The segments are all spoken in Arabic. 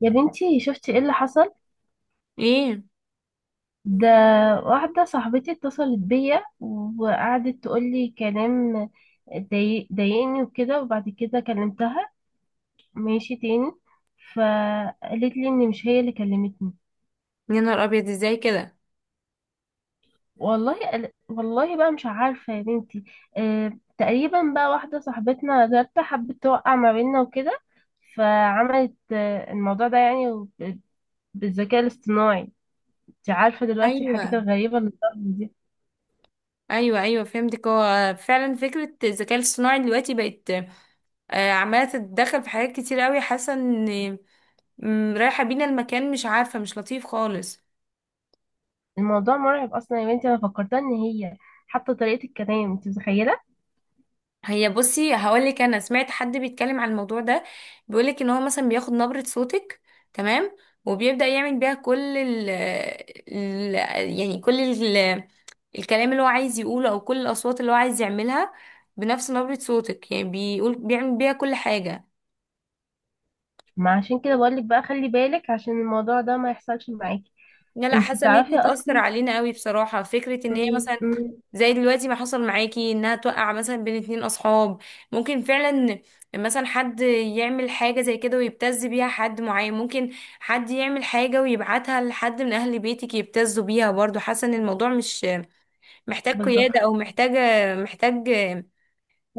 يا بنتي شفتي ايه اللي حصل ايه. ده. واحدة صاحبتي اتصلت بيا وقعدت تقولي كلام ضايقني وكده، وبعد كده كلمتها ماشي تاني، فقالت لي ان مش هي اللي كلمتني. يا نهار ابيض، ازاي كده؟ والله والله بقى مش عارفة يا بنتي. اه تقريبا بقى واحدة صاحبتنا جارتها حبت توقع ما بيننا وكده، فعملت الموضوع ده يعني بالذكاء الاصطناعي. انت عارفة دلوقتي ايوه، الحاجات الغريبة اللي بتحصل دي. ايوه، ايوه، فهمتك. هو فعلا فكره الذكاء الاصطناعي دلوقتي بقت عماله تتدخل في حاجات كتير قوي، حاسه ان رايحه بينا المكان، مش عارفه، مش لطيف خالص. الموضوع مرعب اصلا يا بنتي، انا فكرتها ان هي حتى طريقة الكلام، انت متخيلة؟ هي بصي هقولك، انا سمعت حد بيتكلم عن الموضوع ده، بيقولك ان هو مثلا بياخد نبرة صوتك، تمام، وبيبدأ يعمل بيها كل ال- يعني كل ال- الكلام اللي هو عايز يقوله، او كل الاصوات اللي هو عايز يعملها بنفس نبرة صوتك، يعني بيقول بيعمل بيها كل حاجة. ما عشان كده بقولك بقى، خلي بالك عشان الموضوع ده ما يحصلش معاكي. لا، لا، انت حاسه ان هي تعرفي هتأثر اصلا. علينا قوي، بصراحه فكره ان هي مم، مثلا مم، زي دلوقتي ما حصل معاكي، انها توقع مثلا بين اتنين اصحاب، ممكن فعلا، مثلا حد يعمل حاجه زي كده ويبتز بيها حد معين، ممكن حد يعمل حاجه ويبعتها لحد من اهل بيتك يبتزوا بيها، برضو حاسه ان الموضوع مش محتاج قياده، بالظبط. او محتاجه، محتاج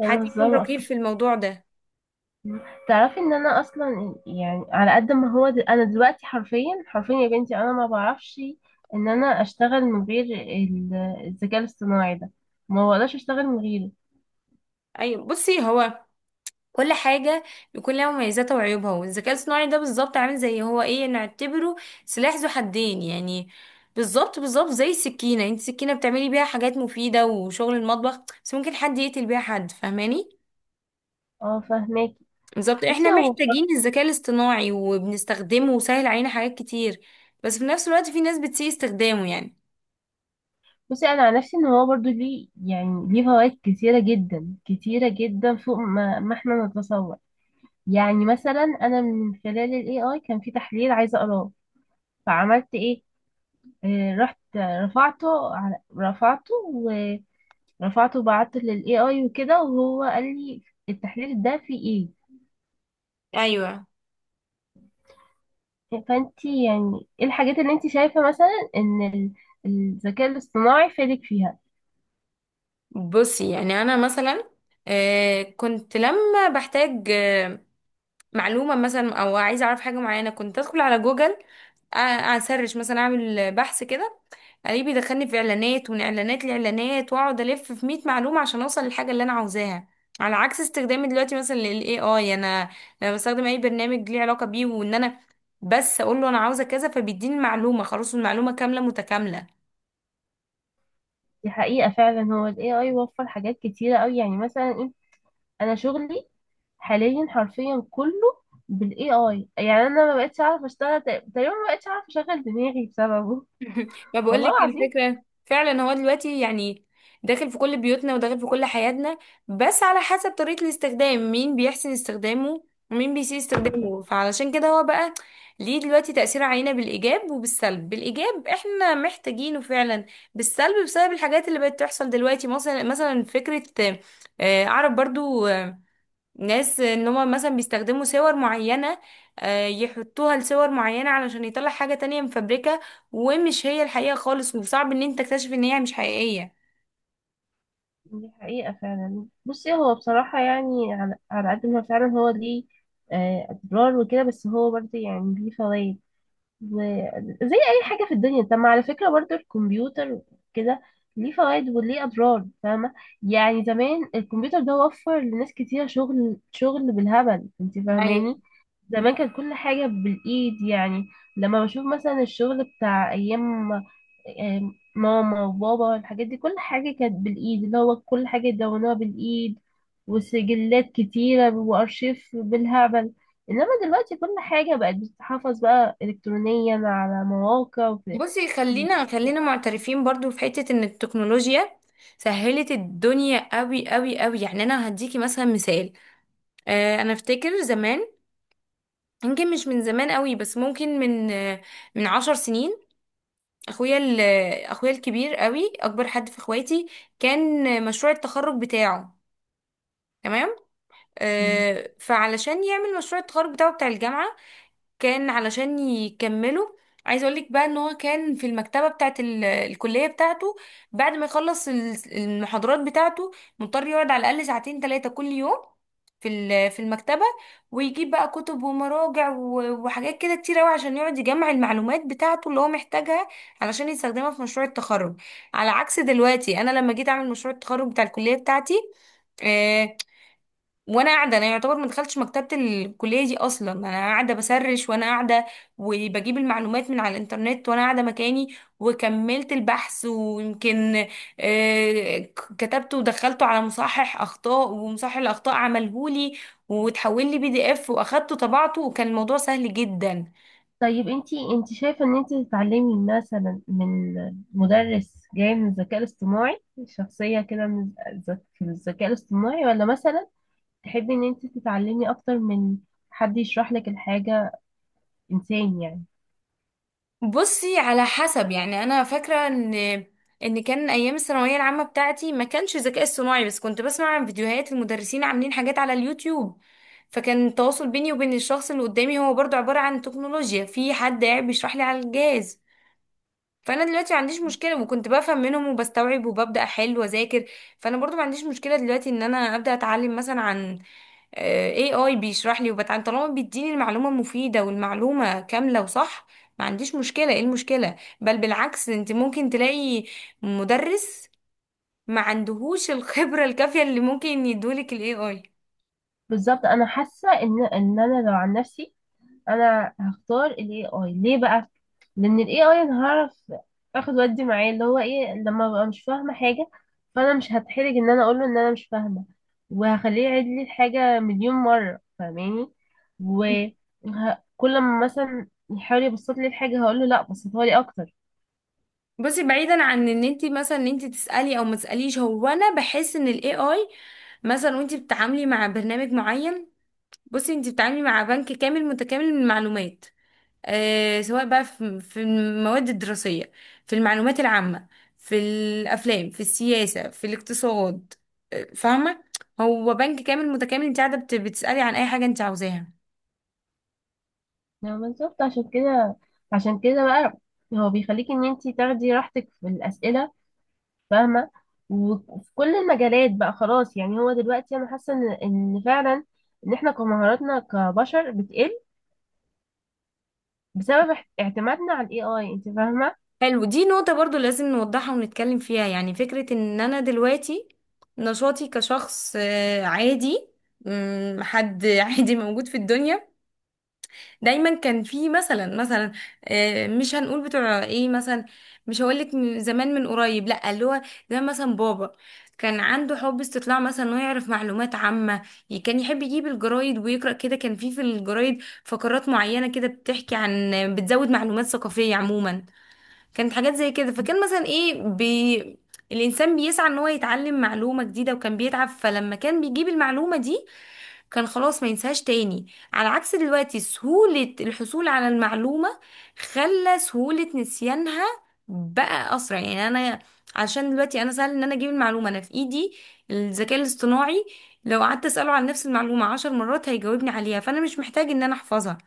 حد ازاي يكون ما رقيب أتفق- في الموضوع ده. تعرفي ان انا اصلا يعني على قد ما هو انا دلوقتي حرفيا حرفيا يا بنتي انا ما بعرفش ان انا اشتغل من غير الذكاء الاصطناعي ده، ما بقدرش اشتغل من غيره. ايوه، بصي هو كل حاجة بيكون لها مميزاتها وعيوبها، والذكاء الصناعي ده بالظبط عامل زي هو ايه، نعتبره سلاح ذو حدين يعني. بالظبط بالظبط، زي السكينة، انت السكينة بتعملي بيها حاجات مفيدة وشغل المطبخ، بس ممكن حد يقتل بيها حد، فاهماني؟ اه فاهماكي. بالظبط، احنا بصي هو، محتاجين الذكاء الاصطناعي وبنستخدمه وسهل علينا حاجات كتير، بس في نفس الوقت في ناس بتسيء استخدامه يعني. بصي انا عن نفسي ان هو برضو ليه، يعني ليه فوائد كتيره جدا، كتيره جدا فوق ما احنا نتصور. يعني مثلا انا من خلال الاي اي كان في تحليل عايزه اقراه، فعملت ايه، آه رحت رفعته على رفعته ورفعته وبعته للاي اي وكده، وهو قال لي التحليل ده فيه ايوه، ايه. فانت يعني ايه الحاجات اللي انت شايفه مثلا ان الذكاء الاصطناعي فادك فيها؟ بصي يعني انا مثلا كنت لما بحتاج معلومة مثلا، او عايزة اعرف حاجة معينة، كنت ادخل على جوجل، اسرش مثلا، اعمل بحث كده، الاقيه بيدخلني في اعلانات ومن اعلانات لاعلانات، واقعد الف في 100 معلومة عشان اوصل للحاجة اللي انا عاوزاها. على عكس استخدامي دلوقتي مثلا للاي اي، انا لما بستخدم اي برنامج ليه علاقة بيه، وان انا بس اقول له انا عاوزة كذا فبيديني المعلومة، خلاص المعلومة كاملة متكاملة. دي حقيقة فعلا، هو ال AI وفر حاجات كتيرة أوي. يعني مثلا انا شغلي حاليا حرفيا كله بالاي اي. يعني انا ما بقتش اعرف اشتغل، تقريبا ما بقتش اعرف اشغل دماغي بسببه، ما والله بقولك العظيم. الفكرة فعلا، هو دلوقتي يعني داخل في كل بيوتنا وداخل في كل حياتنا، بس على حسب طريقة الاستخدام، مين بيحسن استخدامه ومين بيسيء استخدامه، فعلشان كده هو بقى ليه دلوقتي تأثير علينا بالإيجاب وبالسلب. بالإيجاب احنا محتاجينه فعلا، بالسلب بسبب الحاجات اللي بقت تحصل دلوقتي، مثلا مثلا فكرة أعرف برضو ناس ان هم مثلا بيستخدموا صور معينة، يحطوها لصور معينة علشان يطلع حاجة تانية مفبركة ومش هي الحقيقة خالص، وصعب ان انت تكتشف ان هي مش حقيقية. دي حقيقة فعلا. بصي هو بصراحة يعني على قد ما فعلا هو ليه اضرار وكده، بس هو برضه يعني ليه فوائد زي اي حاجه في الدنيا. طب ما على فكره برضو الكمبيوتر كده ليه فوائد وليه اضرار، فاهمه؟ يعني زمان الكمبيوتر ده وفر لناس كتير شغل، شغل بالهبل، انت ايوه، فاهماني؟ زمان كانت كل حاجه بالايد يعني. لما بشوف مثلا الشغل بتاع ايام ماما وبابا، الحاجات دي كل حاجه كانت بالايد، اللي هو كل حاجه يدونوها بالايد، وسجلات كتيره وارشيف بالهبل. انما دلوقتي كل حاجة بقت بتتحفظ بقى الكترونيا على مواقع بصي خلينا خلينا معترفين برضو في حتة ان التكنولوجيا سهلت الدنيا قوي قوي قوي، يعني انا هديكي مثلا مثال. انا افتكر زمان، يمكن مش من زمان قوي، بس ممكن من 10 سنين، اخويا ال- اخويا الكبير، قوي اكبر حد في اخواتي، كان مشروع التخرج بتاعه، تمام، مم. آه فعلشان يعمل مشروع التخرج بتاعه بتاع الجامعة كان علشان يكمله. عايز اقولك بقى ان هو كان في المكتبة بتاعت الكلية بتاعته، بعد ما يخلص المحاضرات بتاعته، مضطر يقعد على الأقل ساعتين 3 كل يوم في المكتبة، ويجيب بقى كتب ومراجع وحاجات كده كتير قوي عشان يقعد يجمع المعلومات بتاعته اللي هو محتاجها، علشان يستخدمها في مشروع التخرج. على عكس دلوقتي انا لما جيت اعمل مشروع التخرج بتاع الكلية بتاعتي، آه، وانا قاعده، انا يعتبر ما دخلتش مكتبه الكليه دي اصلا، انا قاعده بسرش وانا قاعده وبجيب المعلومات من على الانترنت وانا قاعده مكاني وكملت البحث، ويمكن كتبته ودخلته على مصحح اخطاء، ومصحح الاخطاء عملهولي وتحول لي بي دي اف، واخدته طبعته، وكان الموضوع سهل جدا. طيب انتي، انتي شايفة ان انتي تتعلمي مثلا من مدرس جاي من الذكاء الاصطناعي، شخصية كده من في الذكاء الاصطناعي، ولا مثلا تحبي ان انتي تتعلمي اكتر من حد يشرح لك الحاجة، انسان يعني؟ بصي على حسب، يعني انا فاكره ان كان ايام الثانويه العامه بتاعتي ما كانش ذكاء اصطناعي، بس كنت بسمع عن فيديوهات المدرسين عاملين حاجات على اليوتيوب، فكان التواصل بيني وبين الشخص اللي قدامي هو برضو عباره عن تكنولوجيا، في حد قاعد بيشرح لي على الجهاز، فانا دلوقتي ما عنديش مشكله، وكنت بفهم منهم وبستوعب وببدا احل واذاكر، فانا برضو ما عنديش مشكله دلوقتي ان انا ابدا اتعلم مثلا عن اي اي بيشرح لي وبتعلم طالما بيديني المعلومة مفيدة والمعلومة كاملة وصح، ما عنديش مشكلة، ايه المشكلة؟ بل بالعكس، انت ممكن تلاقي مدرس ما عندهوش الخبرة الكافية اللي ممكن يدولك الاي اي. بالظبط. انا حاسة ان انا لو عن نفسي انا هختار الاي اي. ليه بقى؟ لان الاي اي انا هعرف اخد ودي معاه، اللي هو ايه، لما ببقى مش فاهمه حاجه فانا مش هتحرج ان انا اقول له ان انا مش فاهمه، وهخليه يعيد لي الحاجه مليون مره، فاهماني؟ وكل ما مثلا يحاول يبسط لي الحاجه هقول له لا، بسطها لي اكتر. بصي بعيدا عن ان انت مثلا ان انت تسالي او ما تساليش، هو انا بحس ان الاي اي مثلا وانت بتتعاملي مع برنامج معين، بصي انت بتتعاملي مع بنك كامل متكامل من المعلومات، سواء بقى في المواد الدراسية، في المعلومات العامة، في الأفلام، في السياسة، في الاقتصاد، فاهمة، هو بنك كامل متكامل، انت قاعدة بتسألي عن أي حاجة انت عاوزاها. يعني بالظبط عشان كده، عشان كده بقى هو بيخليك ان انتي تاخدي راحتك في الاسئله، فاهمة؟ وفي كل المجالات بقى خلاص. يعني هو دلوقتي أنا حاسة إن فعلا إن إحنا كمهاراتنا كبشر بتقل بسبب اعتمادنا على ال AI، أنت فاهمة؟ حلو، دي نقطة برضو لازم نوضحها ونتكلم فيها، يعني فكرة ان انا دلوقتي نشاطي كشخص عادي، حد عادي موجود في الدنيا، دايما كان في مثلا مثلا مش هنقول بتوع ايه مثلا، مش هقولك من زمان، من قريب، لا، اللي هو زي مثلا بابا، كان عنده حب استطلاع مثلا انه يعرف معلومات عامة، كان يحب يجيب الجرايد ويقرأ كده، كان في الجرايد فقرات معينة كده بتحكي عن، بتزود معلومات ثقافية عموما، كانت حاجات زي كده، فكان مثلا ايه الإنسان بيسعى ان هو يتعلم معلومة جديدة، وكان بيتعب، فلما كان بيجيب المعلومة دي كان خلاص ما ينساهاش تاني. على عكس دلوقتي، سهولة الحصول على المعلومة خلى سهولة نسيانها بقى أسرع، يعني أنا عشان دلوقتي أنا سهل إن أنا أجيب المعلومة، أنا في إيدي الذكاء الاصطناعي، لو قعدت أسأله عن نفس المعلومة 10 مرات هيجاوبني عليها، فأنا مش محتاج إن أنا أحفظها.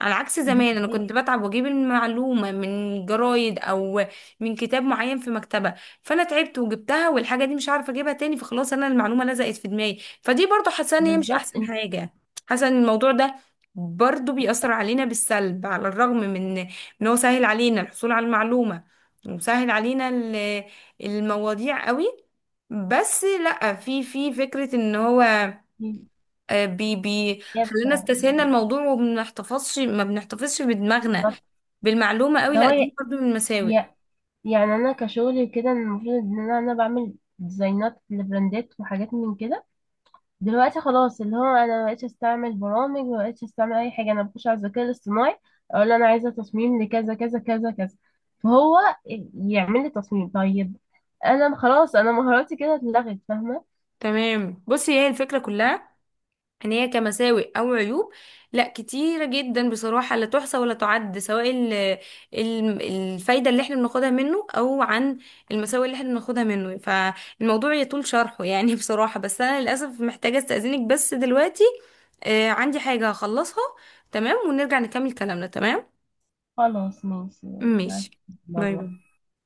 على عكس دي زمان، انا حقيقة. كنت بتعب واجيب المعلومه من جرايد او من كتاب معين في مكتبه، فانا تعبت وجبتها والحاجه دي مش عارفه اجيبها تاني، فخلاص انا المعلومه لزقت في دماغي، فدي برضو حاسه ان هي مش بالظبط. احسن أنت حاجه، حاسه ان الموضوع ده برضو بيأثر علينا بالسلب، على الرغم من ان هو سهل علينا الحصول على المعلومه وسهل علينا المواضيع قوي، بس لا، في فكرة ان هو آه، بي بي خلينا جابة. استسهلنا الموضوع وما بنحتفظش ما بنحتفظش بدماغنا بالظبط. بالمعلومة قوي، اللي لا هو دي برضو من المساوئ. ي- يعني أنا كشغلي كده المفروض إن أنا بعمل ديزاينات لبراندات وحاجات من كده. دلوقتي خلاص اللي هو انا مبقتش استعمل برامج، مبقتش استعمل اي حاجه، انا بخش على الذكاء الاصطناعي اقول له انا عايزه تصميم لكذا كذا كذا كذا، فهو يعمل لي تصميم. طيب انا خلاص انا مهاراتي كده اتلغت، فاهمه؟ تمام، بصي هي الفكرة كلها، ان هي كمساوئ او عيوب لا، كتيرة جدا بصراحة لا تحصى ولا تعد، سواء ال ال الفايدة اللي احنا بناخدها منه، او عن المساوئ اللي احنا بناخدها منه، فالموضوع يطول شرحه يعني بصراحة، بس انا للأسف محتاجة استأذنك بس دلوقتي، عندي حاجة هخلصها، تمام، ونرجع نكمل كلامنا، تمام، خلاص ماشي. ماشي، بس باي باي.